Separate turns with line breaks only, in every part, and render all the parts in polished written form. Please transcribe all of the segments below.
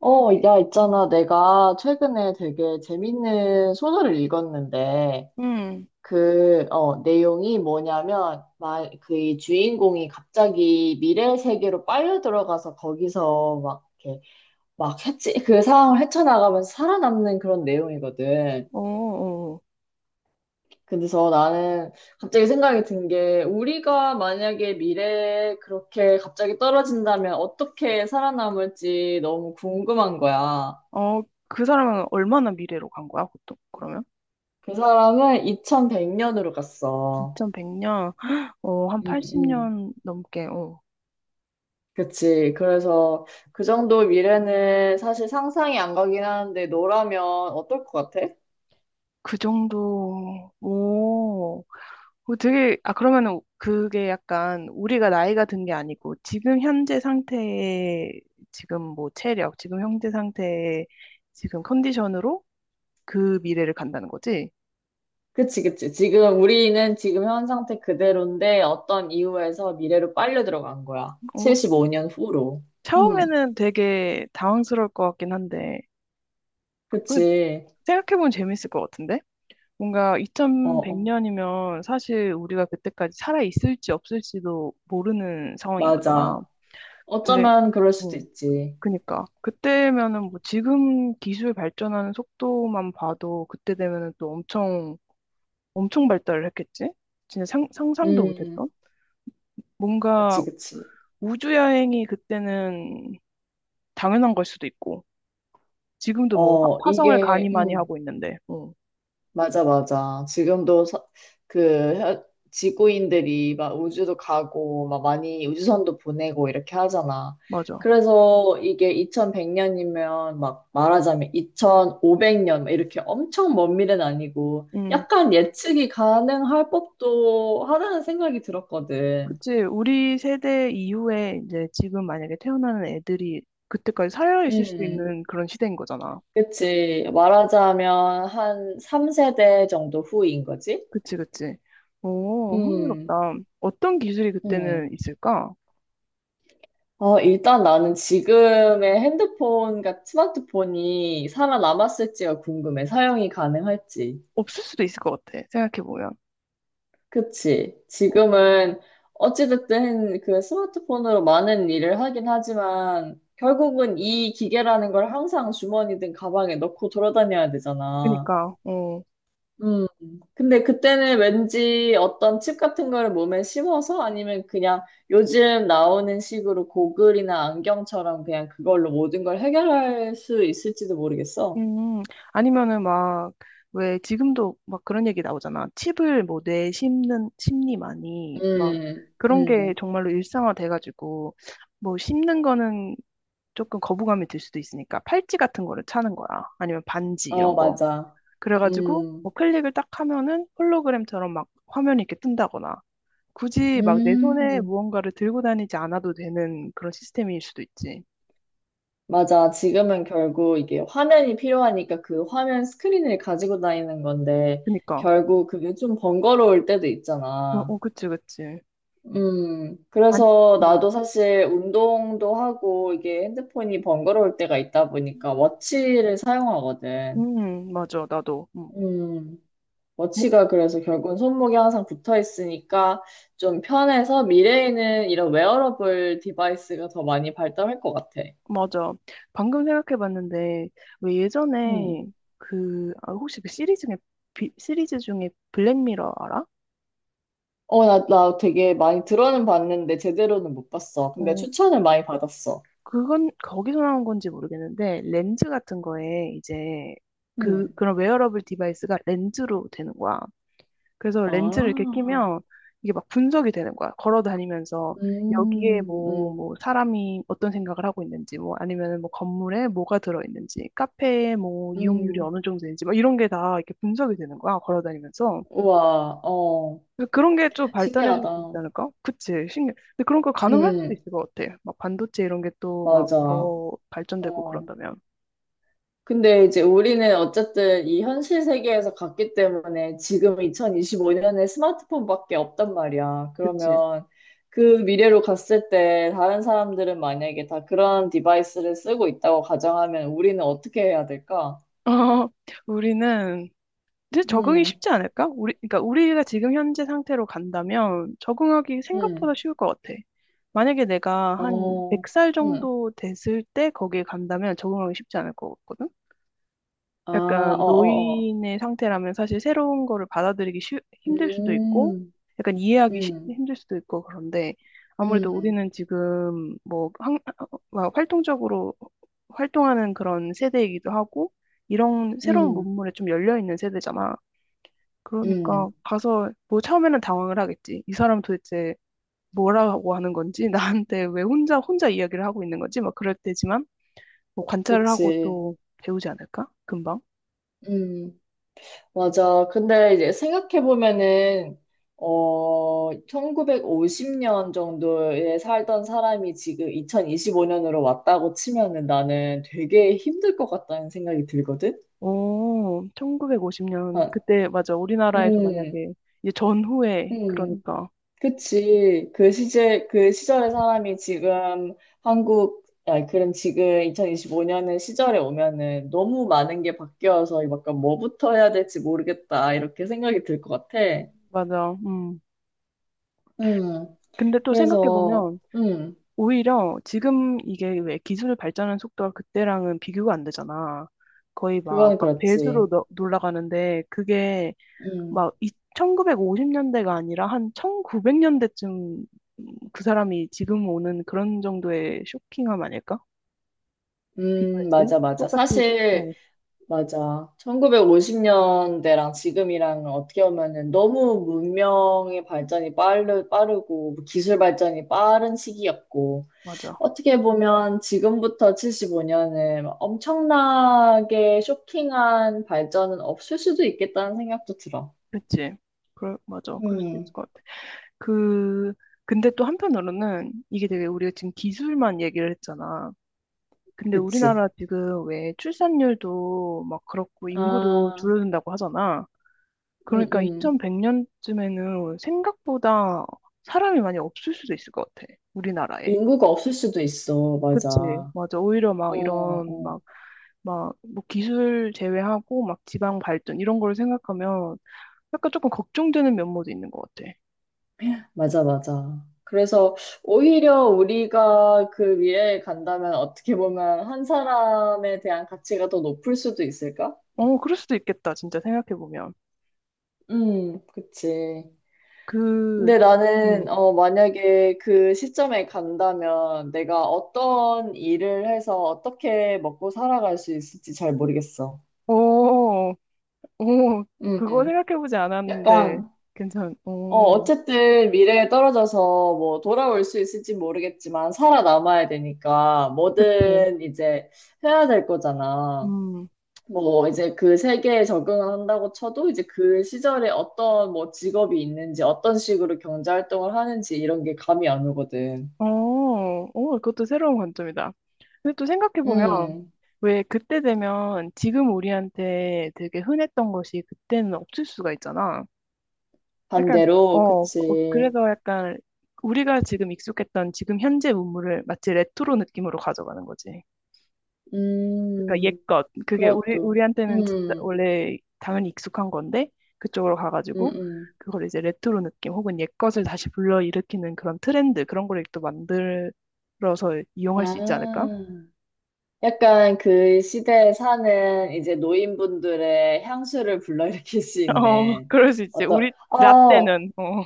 야, 있잖아. 내가 최근에 되게 재밌는 소설을 읽었는데,
음,
내용이 뭐냐면, 그이 주인공이 갑자기 미래 세계로 빨려 들어가서 거기서 막, 이렇게, 막 그 상황을 헤쳐나가면서 살아남는 그런 내용이거든.
어, 어,
그래서 나는 갑자기 생각이 든 게, 우리가 만약에 미래에 그렇게 갑자기 떨어진다면 어떻게 살아남을지 너무 궁금한 거야.
어, 그 사람은 얼마나 미래로 간 거야, 보통? 그러면?
그 사람은 2100년으로 갔어.
2100년, 어, 한
응, 응.
80년 넘게. 어,
그치. 그래서 그 정도 미래는 사실 상상이 안 가긴 하는데 너라면 어떨 것 같아?
그 정도. 오, 그 되게, 아, 그러면은 그게 약간 우리가 나이가 든 게 아니고, 지금 현재 상태의, 지금 뭐 체력, 지금 현재 상태의 지금 컨디션으로 그 미래를 간다는 거지?
그치, 그치. 지금 우리는 지금 현 상태 그대로인데 어떤 이유에서 미래로 빨려 들어간 거야.
어,
75년 후로. 음,
처음에는 되게 당황스러울 것 같긴 한데, 그
그치.
생각해보면 재밌을 것 같은데? 뭔가
어, 어,
2100년이면 사실 우리가 그때까지 살아 있을지 없을지도 모르는 상황인 거잖아.
맞아.
근데
어쩌면 그럴 수도
어,
있지.
그니까 그때면은 뭐 지금 기술 발전하는 속도만 봐도 그때 되면은 또 엄청 엄청 발달을 했겠지? 진짜 상상도
음,
못했던? 뭔가
그치, 그치.
우주 여행이 그때는 당연한 걸 수도 있고 지금도 뭐
어,
화성을 가니 많이 하고 있는데. 어,
맞아, 맞아. 지금도 그 혀- 지구인들이 막 우주도 가고 막 많이 우주선도 보내고 이렇게 하잖아.
맞아.
그래서 이게 2100년이면 막 말하자면 2500년 이렇게 엄청 먼 미래는 아니고 약간 예측이 가능할 법도 하다는 생각이 들었거든.
그치. 우리 세대 이후에 이제 지금 만약에 태어나는 애들이 그때까지 살아있을 수
음,
있는 그런 시대인 거잖아.
그치. 말하자면 한 3세대 정도 후인 거지?
그치, 그치. 오,
음,
흥미롭다. 어떤 기술이
음.
그때는 있을까?
일단 나는 지금의 핸드폰과 스마트폰이 살아남았을지가 궁금해. 사용이 가능할지.
없을 수도 있을 것 같아. 생각해보면.
그치? 지금은 어찌됐든 그 스마트폰으로 많은 일을 하긴 하지만 결국은 이 기계라는 걸 항상 주머니든 가방에 넣고 돌아다녀야 되잖아.
그니까, 어,
음. 근데 그때는 왠지 어떤 칩 같은 거를 몸에 심어서 아니면 그냥 요즘 나오는 식으로 고글이나 안경처럼 그냥 그걸로 모든 걸 해결할 수 있을지도 모르겠어.
음, 아니면은 막, 왜 지금도 막 그런 얘기 나오잖아. 칩을 뭐 뇌에 심는, 심리만이, 막,
음,
그런 게
음,
정말로 일상화 돼가지고, 뭐 심는 거는 조금 거부감이 들 수도 있으니까 팔찌 같은 거를 차는 거야. 아니면 반지
어,
이런 거.
맞아.
그래가지고 뭐
음,
클릭을 딱 하면은 홀로그램처럼 막 화면이 이렇게 뜬다거나 굳이 막 내 손에
음,
무언가를 들고 다니지 않아도 되는 그런 시스템일 수도 있지.
맞아. 지금은 결국 이게 화면이 필요하니까 그 화면 스크린을 가지고 다니는 건데
그니까.
결국 그게 좀 번거로울 때도
어,
있잖아.
어, 그치, 그치. 안,
그래서
음,
나도 사실 운동도 하고 이게 핸드폰이 번거로울 때가 있다 보니까 워치를 사용하거든.
맞아, 나도.
음,
뭐,
워치가 그래서 결국은 손목에 항상 붙어 있으니까 좀 편해서 미래에는 이런 웨어러블 디바이스가 더 많이 발달할 것 같아.
맞아. 방금 생각해봤는데 왜
음.
예전에 그, 아, 혹시 그 시리즈 중에, 시리즈 중에 블랙미러 알아?
나 되게 많이 들어는 봤는데 제대로는 못 봤어. 근데
어,
추천을 많이 받았어.
그건 거기서 나온 건지 모르겠는데 렌즈 같은 거에 이제 그
음.
그런 웨어러블 디바이스가 렌즈로 되는 거야. 그래서
아,
렌즈를 이렇게 끼면 이게 막 분석이 되는 거야. 걸어 다니면서 여기에
음,
뭐
음,
뭐 사람이 어떤 생각을 하고 있는지 뭐 아니면 뭐 건물에 뭐가 들어 있는지 카페에 뭐 이용률이
음.
어느 정도인지 막 이런 게 다 이렇게 분석이 되는 거야. 걸어 다니면서.
우와, 어.
그래서 그런 게 좀 발전했을
신기하다.
수도 있지 않을까? 그치, 신기해. 근데 그런 거 가능할 수도
음,
있을 것 같아. 막 반도체 이런 게 또 막
맞아.
더 발전되고
어.
그런다면.
근데 이제 우리는 어쨌든 이 현실 세계에서 갔기 때문에 지금 2025년에 스마트폰밖에 없단 말이야.
그치.
그러면 그 미래로 갔을 때 다른 사람들은 만약에 다 그런 디바이스를 쓰고 있다고 가정하면 우리는 어떻게 해야 될까?
어, 우리는 이제 적응이
음,
쉽지 않을까? 우리, 그러니까 우리가 지금 현재 상태로 간다면 적응하기 생각보다
음.
쉬울 것 같아. 만약에 내가 한
어,
100살
음.
정도 됐을 때 거기에 간다면 적응하기 쉽지 않을 것 같거든?
아,
약간
어, 어, 어.
노인의 상태라면 사실 새로운 거를 받아들이기 힘들 수도 있고,
음,
약간 이해하기
음,
힘들 수도 있고, 그런데 아무래도
음,
우리는 지금 뭐, 막 활동적으로 활동하는 그런 세대이기도 하고, 이런 새로운
음,
문물에 좀 열려있는 세대잖아. 그러니까
음.
가서 뭐 처음에는 당황을 하겠지. 이 사람 도대체 뭐라고 하는 건지, 나한테 왜 혼자 이야기를 하고 있는 건지, 막 그럴 때지만, 뭐 관찰을 하고
그치.
또 배우지 않을까? 금방.
음. 맞아. 근데 이제 생각해보면은, 1950년 정도에 살던 사람이 지금 2025년으로 왔다고 치면은 나는 되게 힘들 것 같다는 생각이 들거든?
오, 1950년.
아,
그때, 맞아. 우리나라에서
음,
만약에, 이제 전후에,
음.
그러니까.
그치. 그 시절의 사람이 지금 니 그럼 지금 2025년의 시절에 오면은 너무 많은 게 바뀌어서 약간 뭐부터 해야 될지 모르겠다. 이렇게 생각이 들 것 같아.
맞아.
음.
근데 또
그래서,
생각해보면, 오히려 지금 이게 왜 기술 발전하는 속도가 그때랑은 비교가 안 되잖아. 거의 막,
그건
막
그렇지.
배수로 놀라가는데, 그게
음,
막 이, 1950년대가 아니라 한 1900년대쯤 그 사람이 지금 오는 그런 정도의 쇼킹함 아닐까? 비교이 을 때?
맞아, 맞아.
똑같이,
사실,
어,
맞아. 1950년대랑 지금이랑 어떻게 보면은 너무 문명의 발전이 빠르고, 뭐 기술 발전이 빠른 시기였고,
맞아.
어떻게 보면 지금부터 75년은 엄청나게 쇼킹한 발전은 없을 수도 있겠다는 생각도 들어.
그치. 그럴, 맞아. 그럴 수도 있을
음,
것 같아. 그, 근데 또 한편으로는 이게 되게 우리가 지금 기술만 얘기를 했잖아. 근데
그치.
우리나라 지금 왜 출산율도 막 그렇고 인구도
아,
줄어든다고 하잖아.
음,
그러니까
음.
2100년쯤에는 생각보다 사람이 많이 없을 수도 있을 것 같아. 우리나라에.
인구가 없을 수도 있어. 맞아.
그치. 맞아. 오히려
어,
막 이런
어,
막, 막, 뭐 기술 제외하고 막 지방 발전 이런 거를 생각하면 약간 조금 걱정되는 면모도 있는 것 같아.
맞아, 맞아. 그래서 오히려 우리가 그 위에 간다면 어떻게 보면 한 사람에 대한 가치가 더 높을 수도 있을까?
어, 그럴 수도 있겠다, 진짜 생각해보면.
그치.
그,
근데
음,
나는, 만약에 그 시점에 간다면 내가 어떤 일을 해서 어떻게 먹고 살아갈 수 있을지 잘 모르겠어.
오, 오,
음,
그거 생각해보지 않았는데,
약간
오,
어쨌든 미래에 떨어져서 뭐 돌아올 수 있을지 모르겠지만 살아남아야 되니까
그치.
뭐든 이제 해야 될 거잖아.
음,
뭐 이제 그 세계에 적응한다고 쳐도 이제 그 시절에 어떤 뭐 직업이 있는지 어떤 식으로 경제 활동을 하는지 이런 게 감이 안 오거든.
어, 오, 그것도 새로운 관점이다. 근데 또 생각해보면,
음,
왜 그때 되면 지금 우리한테 되게 흔했던 것이 그때는 없을 수가 있잖아. 약간,
반대로,
어, 어,
그치.
그래서 약간, 우리가 지금 익숙했던 지금 현재 문물을 마치 레트로 느낌으로 가져가는 거지. 그러니까
음,
옛것 그게 우리
그것도.
우리한테는 진짜 원래 당연히 익숙한 건데 그쪽으로
음,
가가지고
음.
그걸 이제 레트로 느낌 혹은 옛것을 다시 불러일으키는 그런 트렌드 그런 거를 또 만들어서 이용할 수 있지 않을까?
아. 약간 그 시대에 사는 이제 노인분들의 향수를 불러일으킬 수
어,
있는
그럴 수 있지.
어떤,
우리
어,
라떼는 어,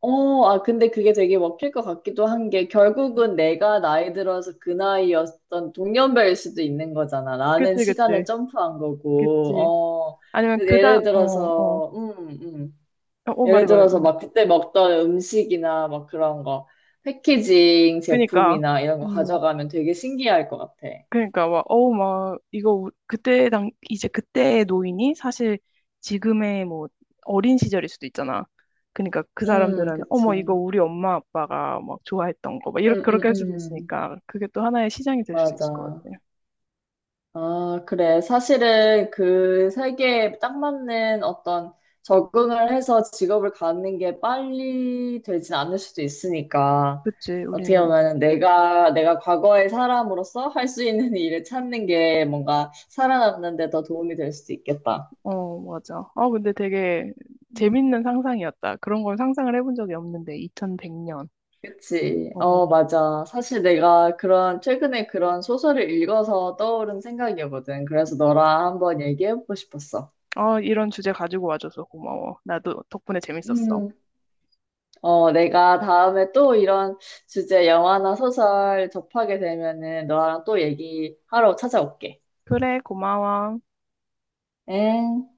어, 아, 근데 그게 되게 먹힐 것 같기도 한 게 결국은 내가 나이 들어서 그 나이였던 동년배일 수도 있는 거잖아. 나는
그치
시간을
그치
점프한 거고,
그치.
어,
아니면
근데
그다 어, 어, 어 말해
예를
말해.
들어서
음.
막 그때 먹던 음식이나 막 그런 거, 패키징
그니까
제품이나 이런 거
음.
가져가면 되게 신기할 것 같아.
그러니까 막 어우 막 이거 그때 당 이제 그때의 노인이 사실 지금의 뭐 어린 시절일 수도 있잖아. 그러니까 그 사람들은
그치.
어머 이거 우리 엄마 아빠가 막 좋아했던 거 막
음,
이렇게
음,
그렇게 할 수도
음.
있으니까 그게 또 하나의 시장이 될 수도 있을 것
맞아.
같아.
아, 그래. 사실은 그 세계에 딱 맞는 어떤 적응을 해서 직업을 갖는 게 빨리 되진 않을 수도 있으니까.
그치
어떻게
우리는
보면 내가 과거의 사람으로서 할 수 있는 일을 찾는 게 뭔가 살아남는 데 더 도움이 될 수도 있겠다.
어 맞아. 아 근데 되게
음.
재밌는 상상이었다. 그런 걸 상상을 해본 적이 없는데 2100년.
그치.
어.
어, 맞아. 사실 내가 최근에 그런 소설을 읽어서 떠오른 생각이거든. 그래서 너랑 한번 얘기해보고 싶었어.
아 이런 주제 가지고 와줘서 고마워. 나도 덕분에 재밌었어.
음, 내가 다음에 또 이런 주제 영화나 소설 접하게 되면은 너랑 또 얘기하러 찾아올게.
그래 고마워.
엥?